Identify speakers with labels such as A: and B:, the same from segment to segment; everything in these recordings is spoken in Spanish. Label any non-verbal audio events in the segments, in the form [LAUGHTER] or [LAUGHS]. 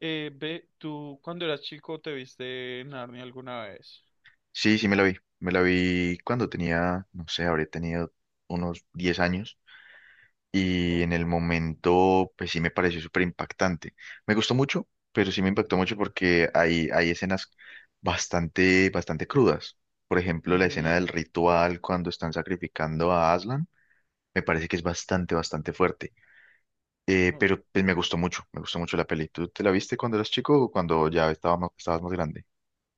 A: Ve, ¿tú cuando eras chico te viste Narnia alguna vez?
B: Sí, sí me la vi. Me la vi cuando tenía, no sé, habré tenido unos 10 años y
A: Ok.
B: en el momento, pues sí me pareció súper impactante. Me gustó mucho, pero sí me impactó mucho porque hay escenas bastante, bastante crudas. Por ejemplo, la escena
A: Ujú.
B: del ritual cuando están sacrificando a Aslan, me parece que es bastante, bastante fuerte. Eh,
A: No,
B: pero pues, me gustó mucho la peli. ¿Tú te la viste cuando eras chico o cuando ya estabas más grande?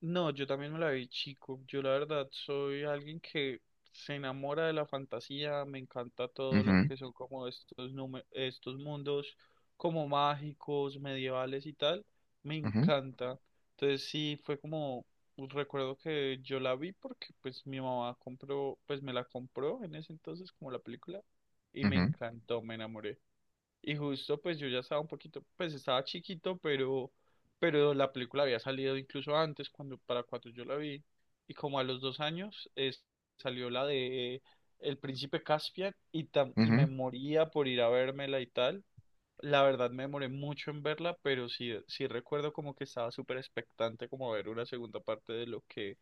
A: no, yo también me la vi chico. Yo la verdad soy alguien que se enamora de la fantasía, me encanta todo lo
B: Ujú,
A: que son como estos, estos mundos como mágicos, medievales y tal, me
B: ujú,
A: encanta. Entonces sí, fue como, recuerdo que yo la vi porque pues mi mamá compró, pues me la compró en ese entonces como la película y me
B: ujú,
A: encantó, me enamoré. Y justo pues yo ya estaba un poquito, pues estaba chiquito, pero la película había salido incluso antes, cuando, para cuando yo la vi. Y como a los dos años salió la de El Príncipe Caspian y, y me
B: ujú.
A: moría por ir a vérmela y tal. La verdad me demoré mucho en verla, pero sí, sí recuerdo como que estaba súper expectante como ver una segunda parte de lo que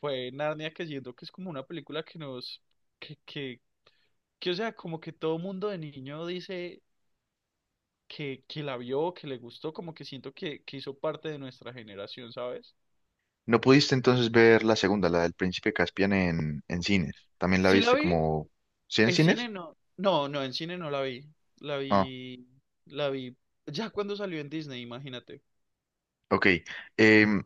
A: fue Narnia, que siento que es como una película que nos, que, que, que o sea, como que todo mundo de niño dice que la vio, que le gustó, como que siento que hizo parte de nuestra generación, ¿sabes?
B: No pudiste entonces ver la segunda, la del Príncipe Caspian en cines. También la
A: Sí la
B: viste
A: vi,
B: como. ¿Sí en
A: en cine
B: cines?
A: no, no, no, en cine no la vi, la
B: Ah,
A: vi, la vi ya cuando salió en Disney, imagínate.
B: ok. Em,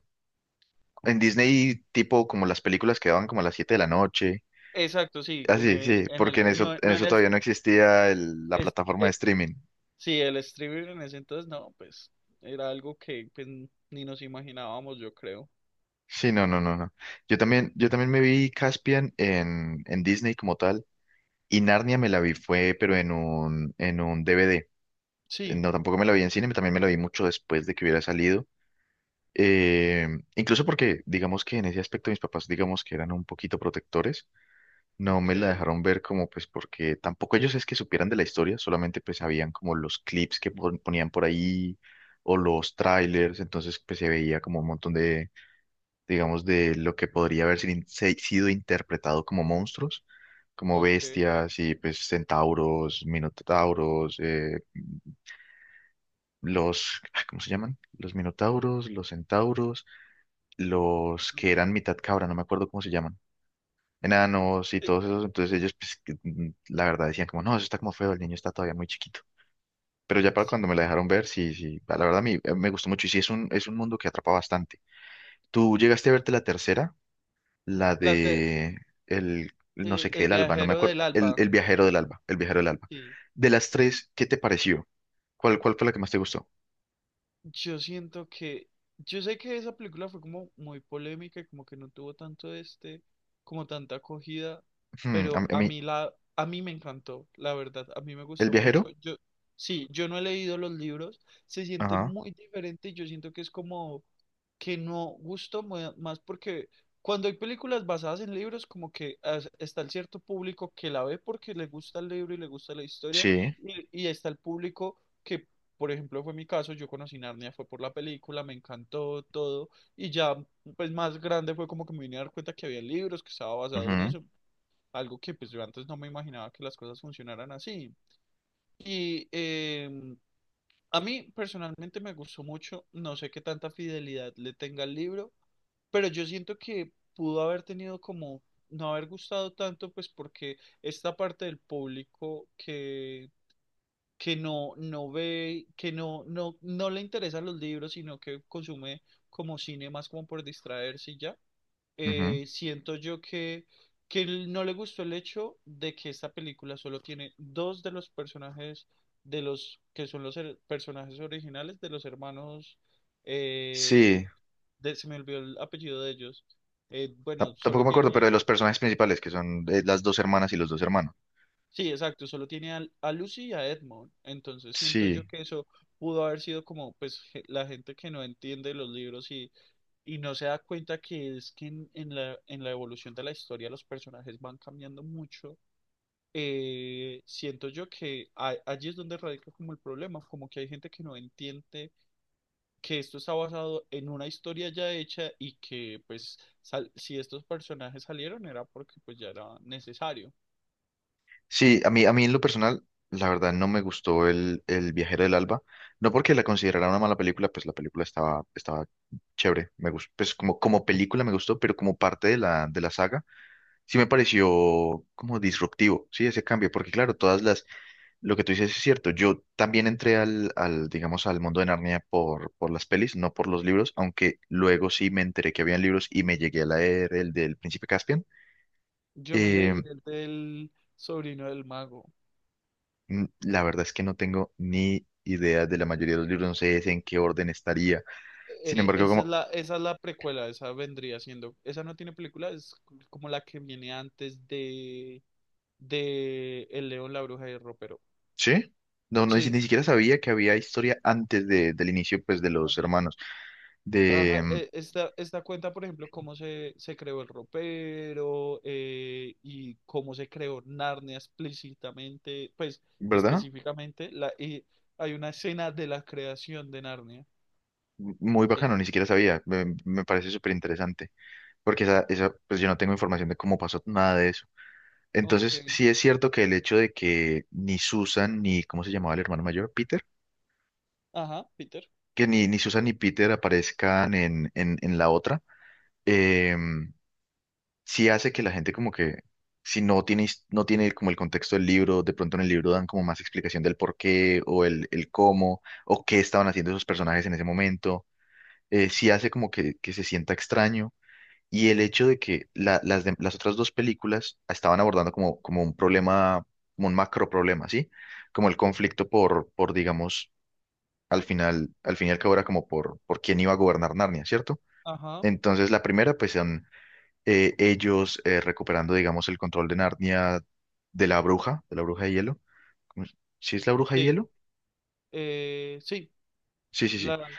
B: en Disney, tipo como las películas que daban como a las 7 de la noche.
A: Exacto, sí,
B: Ah, sí, sí,
A: en
B: porque
A: el,
B: en eso,
A: no,
B: en
A: no en
B: eso
A: el,
B: todavía no existía la
A: es-
B: plataforma de
A: eh,
B: streaming.
A: sí, el streaming en ese entonces, no, pues, era algo que pues, ni nos imaginábamos, yo creo.
B: Sí, no, no, no, no. Yo también me vi Caspian en Disney como tal. Y Narnia me la vi fue, pero en un DVD.
A: Sí,
B: No, tampoco me la vi en cine, también me la vi mucho después de que hubiera salido. Eh, incluso porque, digamos que en ese aspecto mis papás, digamos que eran un poquito protectores, no me
A: ok,
B: la dejaron ver como pues porque tampoco ellos es que supieran de la historia, solamente pues sabían como los clips que ponían por ahí o los trailers, entonces pues se veía como un montón de, digamos, de lo que podría haber sido interpretado como monstruos, como
A: ok.
B: bestias y pues centauros, minotauros, ah, ¿cómo se llaman? Los minotauros, los centauros. Los
A: Mm,
B: que eran mitad cabra, no me acuerdo cómo se llaman, enanos y
A: eh,
B: todos esos, entonces ellos, pues, la verdad decían como, no, eso está como feo, el niño está todavía muy chiquito. Pero ya para
A: Sí.
B: cuando me la dejaron ver, sí, sí, la verdad a mí me gustó mucho y sí, es un, mundo que atrapa bastante. ¿Tú llegaste a verte la tercera? La
A: La te-
B: de no sé qué
A: el
B: del Alba, no me
A: viajero
B: acuerdo,
A: del
B: el,
A: alba,
B: el viajero del Alba, el viajero del Alba.
A: sí.
B: De las tres, ¿qué te pareció? ¿Cuál fue la que más te gustó?
A: Yo siento que, yo sé que esa película fue como muy polémica y como que no tuvo tanto este, como tanta acogida,
B: Hmm, a mí,
A: pero
B: a
A: a
B: mí-
A: mí la, a mí me encantó, la verdad, a mí me
B: ¿el
A: gustó mucho.
B: viajero?
A: Yo, sí, yo no he leído los libros, se siente
B: Ajá,
A: muy diferente y yo siento que es como que no gusto más porque cuando hay películas basadas en libros, como que está el cierto público que la ve porque le gusta el libro y le gusta la historia,
B: sí,
A: y está el público que, por ejemplo, fue mi caso, yo conocí Narnia, fue por la película, me encantó todo, y ya pues más grande fue como que me vine a dar cuenta que había libros, que estaba basado en
B: ujú,
A: eso, algo que pues yo antes no me imaginaba que las cosas funcionaran así. Y em, a mí personalmente me gustó mucho, no sé qué tanta fidelidad le tenga el libro pero yo siento que pudo haber tenido como no haber gustado tanto, pues porque esta parte del público que no, no ve, que no, no, no le interesan los libros, sino que consume como cine más como por distraerse y ya
B: ujú.
A: siento yo que él no le gustó el hecho de que esta película solo tiene dos de los personajes de los que son los personajes originales de los hermanos eh,
B: Sí,
A: se me olvidó el apellido de ellos.
B: Tap-
A: Bueno,
B: Tampoco
A: solo
B: me acuerdo, pero
A: tiene,
B: de los personajes principales, que son las dos hermanas y los dos hermanos.
A: sí, exacto, solo tiene a Lucy y a Edmond. Entonces siento yo
B: Sí,
A: que eso pudo haber sido como pues la gente que no entiende los libros y no se da cuenta que es que en la evolución de la historia los personajes van cambiando mucho. Siento yo que allí es donde radica como el problema, como que hay gente que no entiende que esto está basado en una historia ya hecha y que pues si estos personajes salieron era porque pues ya era necesario.
B: sí, a mí en lo personal, la verdad no me gustó el Viajero del Alba. No porque la considerara una mala película, pues la película estaba chévere. Me gustó, pues como película me gustó, pero como parte de la saga, sí me pareció como disruptivo, sí, ese cambio, porque claro, lo que tú dices es cierto. Yo también entré digamos, al mundo de Narnia por las pelis, no por los libros, aunque luego sí me enteré que habían libros y me llegué a leer el del Príncipe Caspian.
A: Yo me
B: Eh,
A: leí el del sobrino del mago.
B: la verdad es que no tengo ni idea de la mayoría de los libros, no sé en qué orden estaría. Sin embargo, como,
A: Esa es la precuela, esa vendría siendo, esa no tiene película, es como la que viene antes de El León, la Bruja y el Ropero.
B: ¿sí? No, no, ni si-
A: Sí,
B: ni siquiera sabía que había historia antes del inicio, pues, de los
A: así.
B: hermanos. De,
A: Ajá,
B: mm,
A: esta, esta cuenta, por ejemplo, cómo se, se creó el ropero y cómo se creó Narnia explícitamente, pues
B: ¿verdad?
A: específicamente, la, y hay una escena de la creación de Narnia.
B: Muy
A: Sí,
B: bacano, ni siquiera sabía. Me parece súper interesante. Porque esa, pues yo no tengo información de cómo pasó nada de eso.
A: ok.
B: Entonces, sí es cierto que el hecho de que ni Susan ni, ¿cómo se llamaba el hermano mayor? Peter,
A: Ajá, Peter.
B: que ni Susan ni Peter aparezcan en la otra, eh, sí hace que la gente como que, si no tiene, no tiene como el contexto del libro, de pronto en el libro dan como más explicación del por qué o el cómo o qué estaban haciendo esos personajes en ese momento, sí hace como que se sienta extraño. Y el hecho de que las otras dos películas estaban abordando como un problema, como un macro problema, ¿sí? Como el conflicto por digamos, al final, al fin y al cabo era como por quién iba a gobernar Narnia, ¿cierto?
A: Ajá,
B: Entonces la primera, pues son ellos recuperando, digamos, el control de Narnia de la bruja de hielo. ¿Cómo es? ¿Sí es la bruja de
A: sí.
B: hielo?
A: Sí,
B: Sí, sí, sí.
A: la,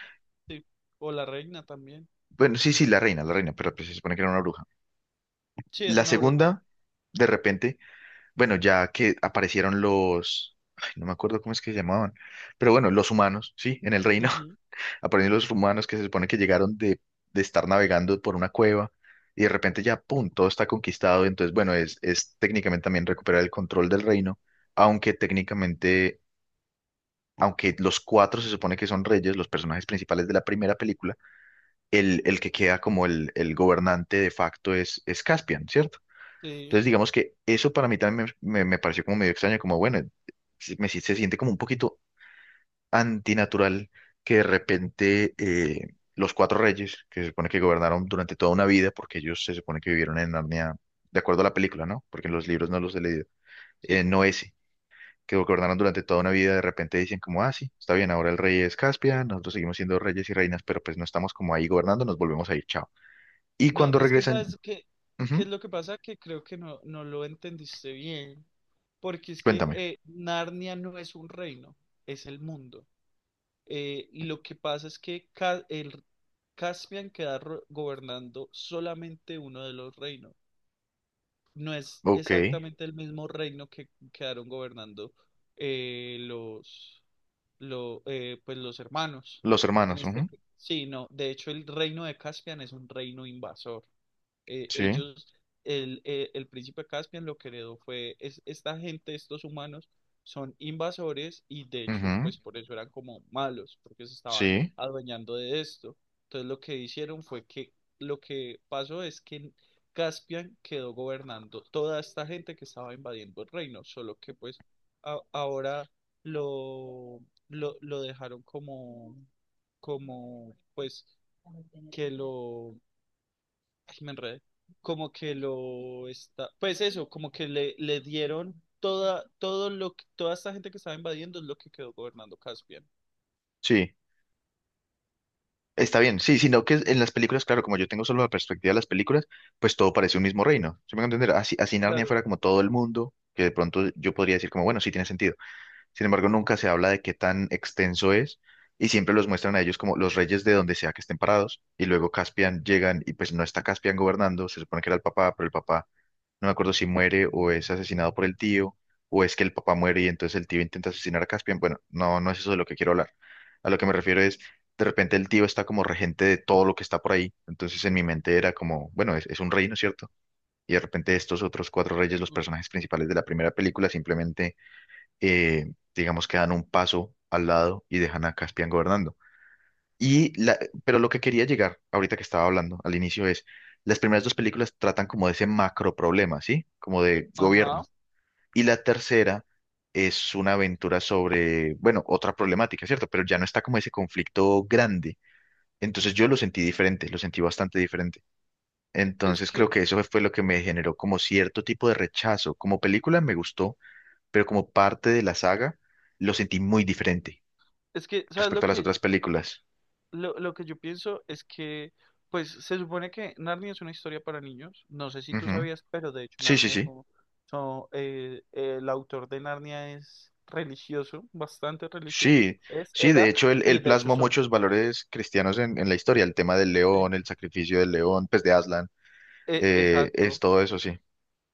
A: sí. O la reina también.
B: Bueno, sí, sí, la reina, pero pues, se supone que era una bruja.
A: Sí, es
B: La
A: una bruja.
B: segunda, de repente bueno, ya que aparecieron ay, no me acuerdo cómo es que se llamaban, pero bueno, los humanos, sí, en el reino
A: Ujú,
B: [LAUGHS] aparecieron los humanos que se supone que llegaron de estar navegando por una cueva y de repente ya, pum, todo está conquistado, entonces bueno, es técnicamente también recuperar el control del reino, aunque técnicamente, aunque los cuatro se supone que son reyes, los personajes principales de la primera película, el que queda como el gobernante de facto es Caspian, ¿cierto?
A: sí,
B: Entonces, digamos que eso para mí también me pareció como medio extraño, como bueno, se- me, si- se siente como un poquito antinatural que de repente los cuatro reyes, que se supone que gobernaron durante toda una vida, porque ellos se supone que vivieron en Narnia, de acuerdo a la película, ¿no? Porque en los libros no los he leído,
A: sí.
B: no ese, que gobernaron durante toda una vida, de repente dicen como, ah, sí, está bien, ahora el rey es Caspian, nosotros seguimos siendo reyes y reinas, pero pues no estamos como ahí gobernando, nos volvemos a ir, chao. Y
A: No,
B: cuando
A: es que
B: regresan,
A: sabes qué, qué es
B: ujú,
A: lo que pasa, que creo que no, no lo entendiste bien, porque es que
B: cuéntame,
A: Narnia no es un reino, es el mundo. Y lo que pasa es que el Caspian queda gobernando solamente uno de los reinos. No es
B: ok,
A: exactamente el mismo reino que quedaron gobernando eh, los, pues los hermanos.
B: los
A: En
B: hermanos,
A: este,
B: ujú,
A: sí, no, de hecho el reino de Caspian es un reino invasor eh,
B: sí.
A: ellos, el príncipe Caspian lo que heredó fue, es, esta gente, estos humanos, son invasores y de hecho,
B: Ujú,
A: pues por eso eran como malos, porque se estaban
B: sí,
A: adueñando de esto. Entonces lo que hicieron fue que lo que pasó es que Caspian quedó gobernando toda esta gente que estaba invadiendo el reino, solo que pues ahora lo, lo dejaron como, como pues que lo Ay, me enredé. Como que lo está. Pues eso, como que le dieron toda, todo lo que, toda esta gente que estaba invadiendo es lo que quedó gobernando Caspian.
B: sí, está bien. Sí, sino que en las películas, claro, como yo tengo solo la perspectiva de las películas, pues todo parece un mismo reino. ¿Sí me van entender? Así, así Narnia
A: Claro.
B: fuera como todo el mundo, que de pronto yo podría decir como, bueno, sí tiene sentido. Sin embargo, nunca se habla de qué tan extenso es y siempre los muestran a ellos como los reyes de donde sea que estén parados y luego Caspian llegan y pues no está Caspian gobernando, se supone que era el papá, pero el papá. No me acuerdo si muere o es asesinado por el tío, o es que el papá muere y entonces el tío intenta asesinar a Caspian. Bueno, no, no es eso de lo que quiero hablar. A lo que me refiero es, de repente el tío está como regente de todo lo que está por ahí. Entonces en mi mente era como, bueno, es un reino, ¿cierto? Y de repente estos otros cuatro reyes, los
A: Mm.
B: personajes principales de la primera película, simplemente, digamos que dan un paso al lado y dejan a Caspian gobernando. Y la, pero lo que quería llegar, ahorita que estaba hablando al inicio, es, las primeras dos películas tratan como de ese macro problema, ¿sí? Como de
A: Ajá.
B: gobierno. Y la tercera es una aventura sobre, bueno, otra problemática, ¿cierto? Pero ya no está como ese conflicto grande. Entonces yo lo sentí diferente, lo sentí bastante diferente.
A: Es
B: Entonces creo
A: que,
B: que eso fue lo que me generó como cierto tipo de rechazo. Como película me gustó, pero como parte de la saga lo sentí muy diferente
A: es que, ¿sabes lo
B: respecto a las
A: que,
B: otras películas.
A: lo que yo pienso? Es que, pues, se supone que Narnia es una historia para niños. No sé si tú
B: Ujú.
A: sabías, pero de hecho
B: Sí, sí,
A: Narnia es
B: sí.
A: un, son, el autor de Narnia es religioso, bastante religioso.
B: Sí,
A: Es,
B: sí, de
A: era,
B: hecho él,
A: y
B: él
A: de hecho
B: plasmó
A: son,
B: muchos valores cristianos en la historia, el tema del
A: eh,
B: león, el sacrificio del león, pues de Aslan, es
A: exacto.
B: todo eso, sí,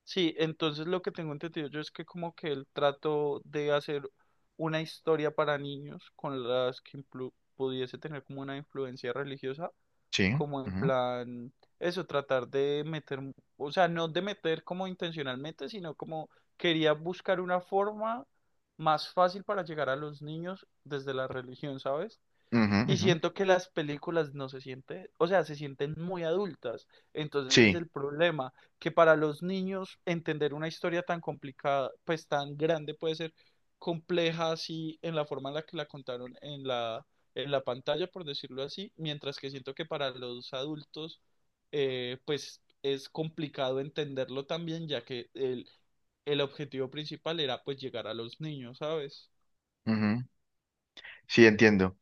A: Sí, entonces lo que tengo entendido yo es que como que él trató de hacer una historia para niños con las que pudiese tener como una influencia religiosa,
B: sí,
A: como en
B: ujú,
A: plan, eso, tratar de meter, o sea, no de meter como intencionalmente, sino como quería buscar una forma más fácil para llegar a los niños desde la religión, ¿sabes?
B: ujú,
A: Y siento que las películas no se sienten, o sea, se sienten muy adultas. Entonces es
B: sí,
A: el problema, que para los niños entender una historia tan complicada, pues tan grande, puede ser compleja así en la forma en la que la contaron en la pantalla, por decirlo así, mientras que siento que para los adultos, pues es complicado entenderlo también, ya que el objetivo principal era pues llegar a los niños, ¿sabes?
B: ujú, sí, entiendo.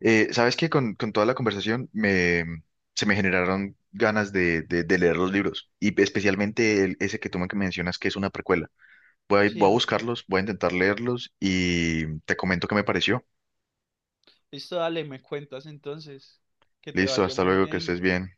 B: Sabes que con toda la conversación se me generaron ganas de leer los libros, y especialmente ese que tú me mencionas que es una precuela. Voy a,
A: Sí,
B: voy a
A: es muy
B: buscarlos, voy a intentar leerlos y te comento qué me pareció.
A: Listo, dale, me cuentas entonces. Que te
B: Listo,
A: vaya
B: hasta
A: muy
B: luego, que
A: bien.
B: estés bien.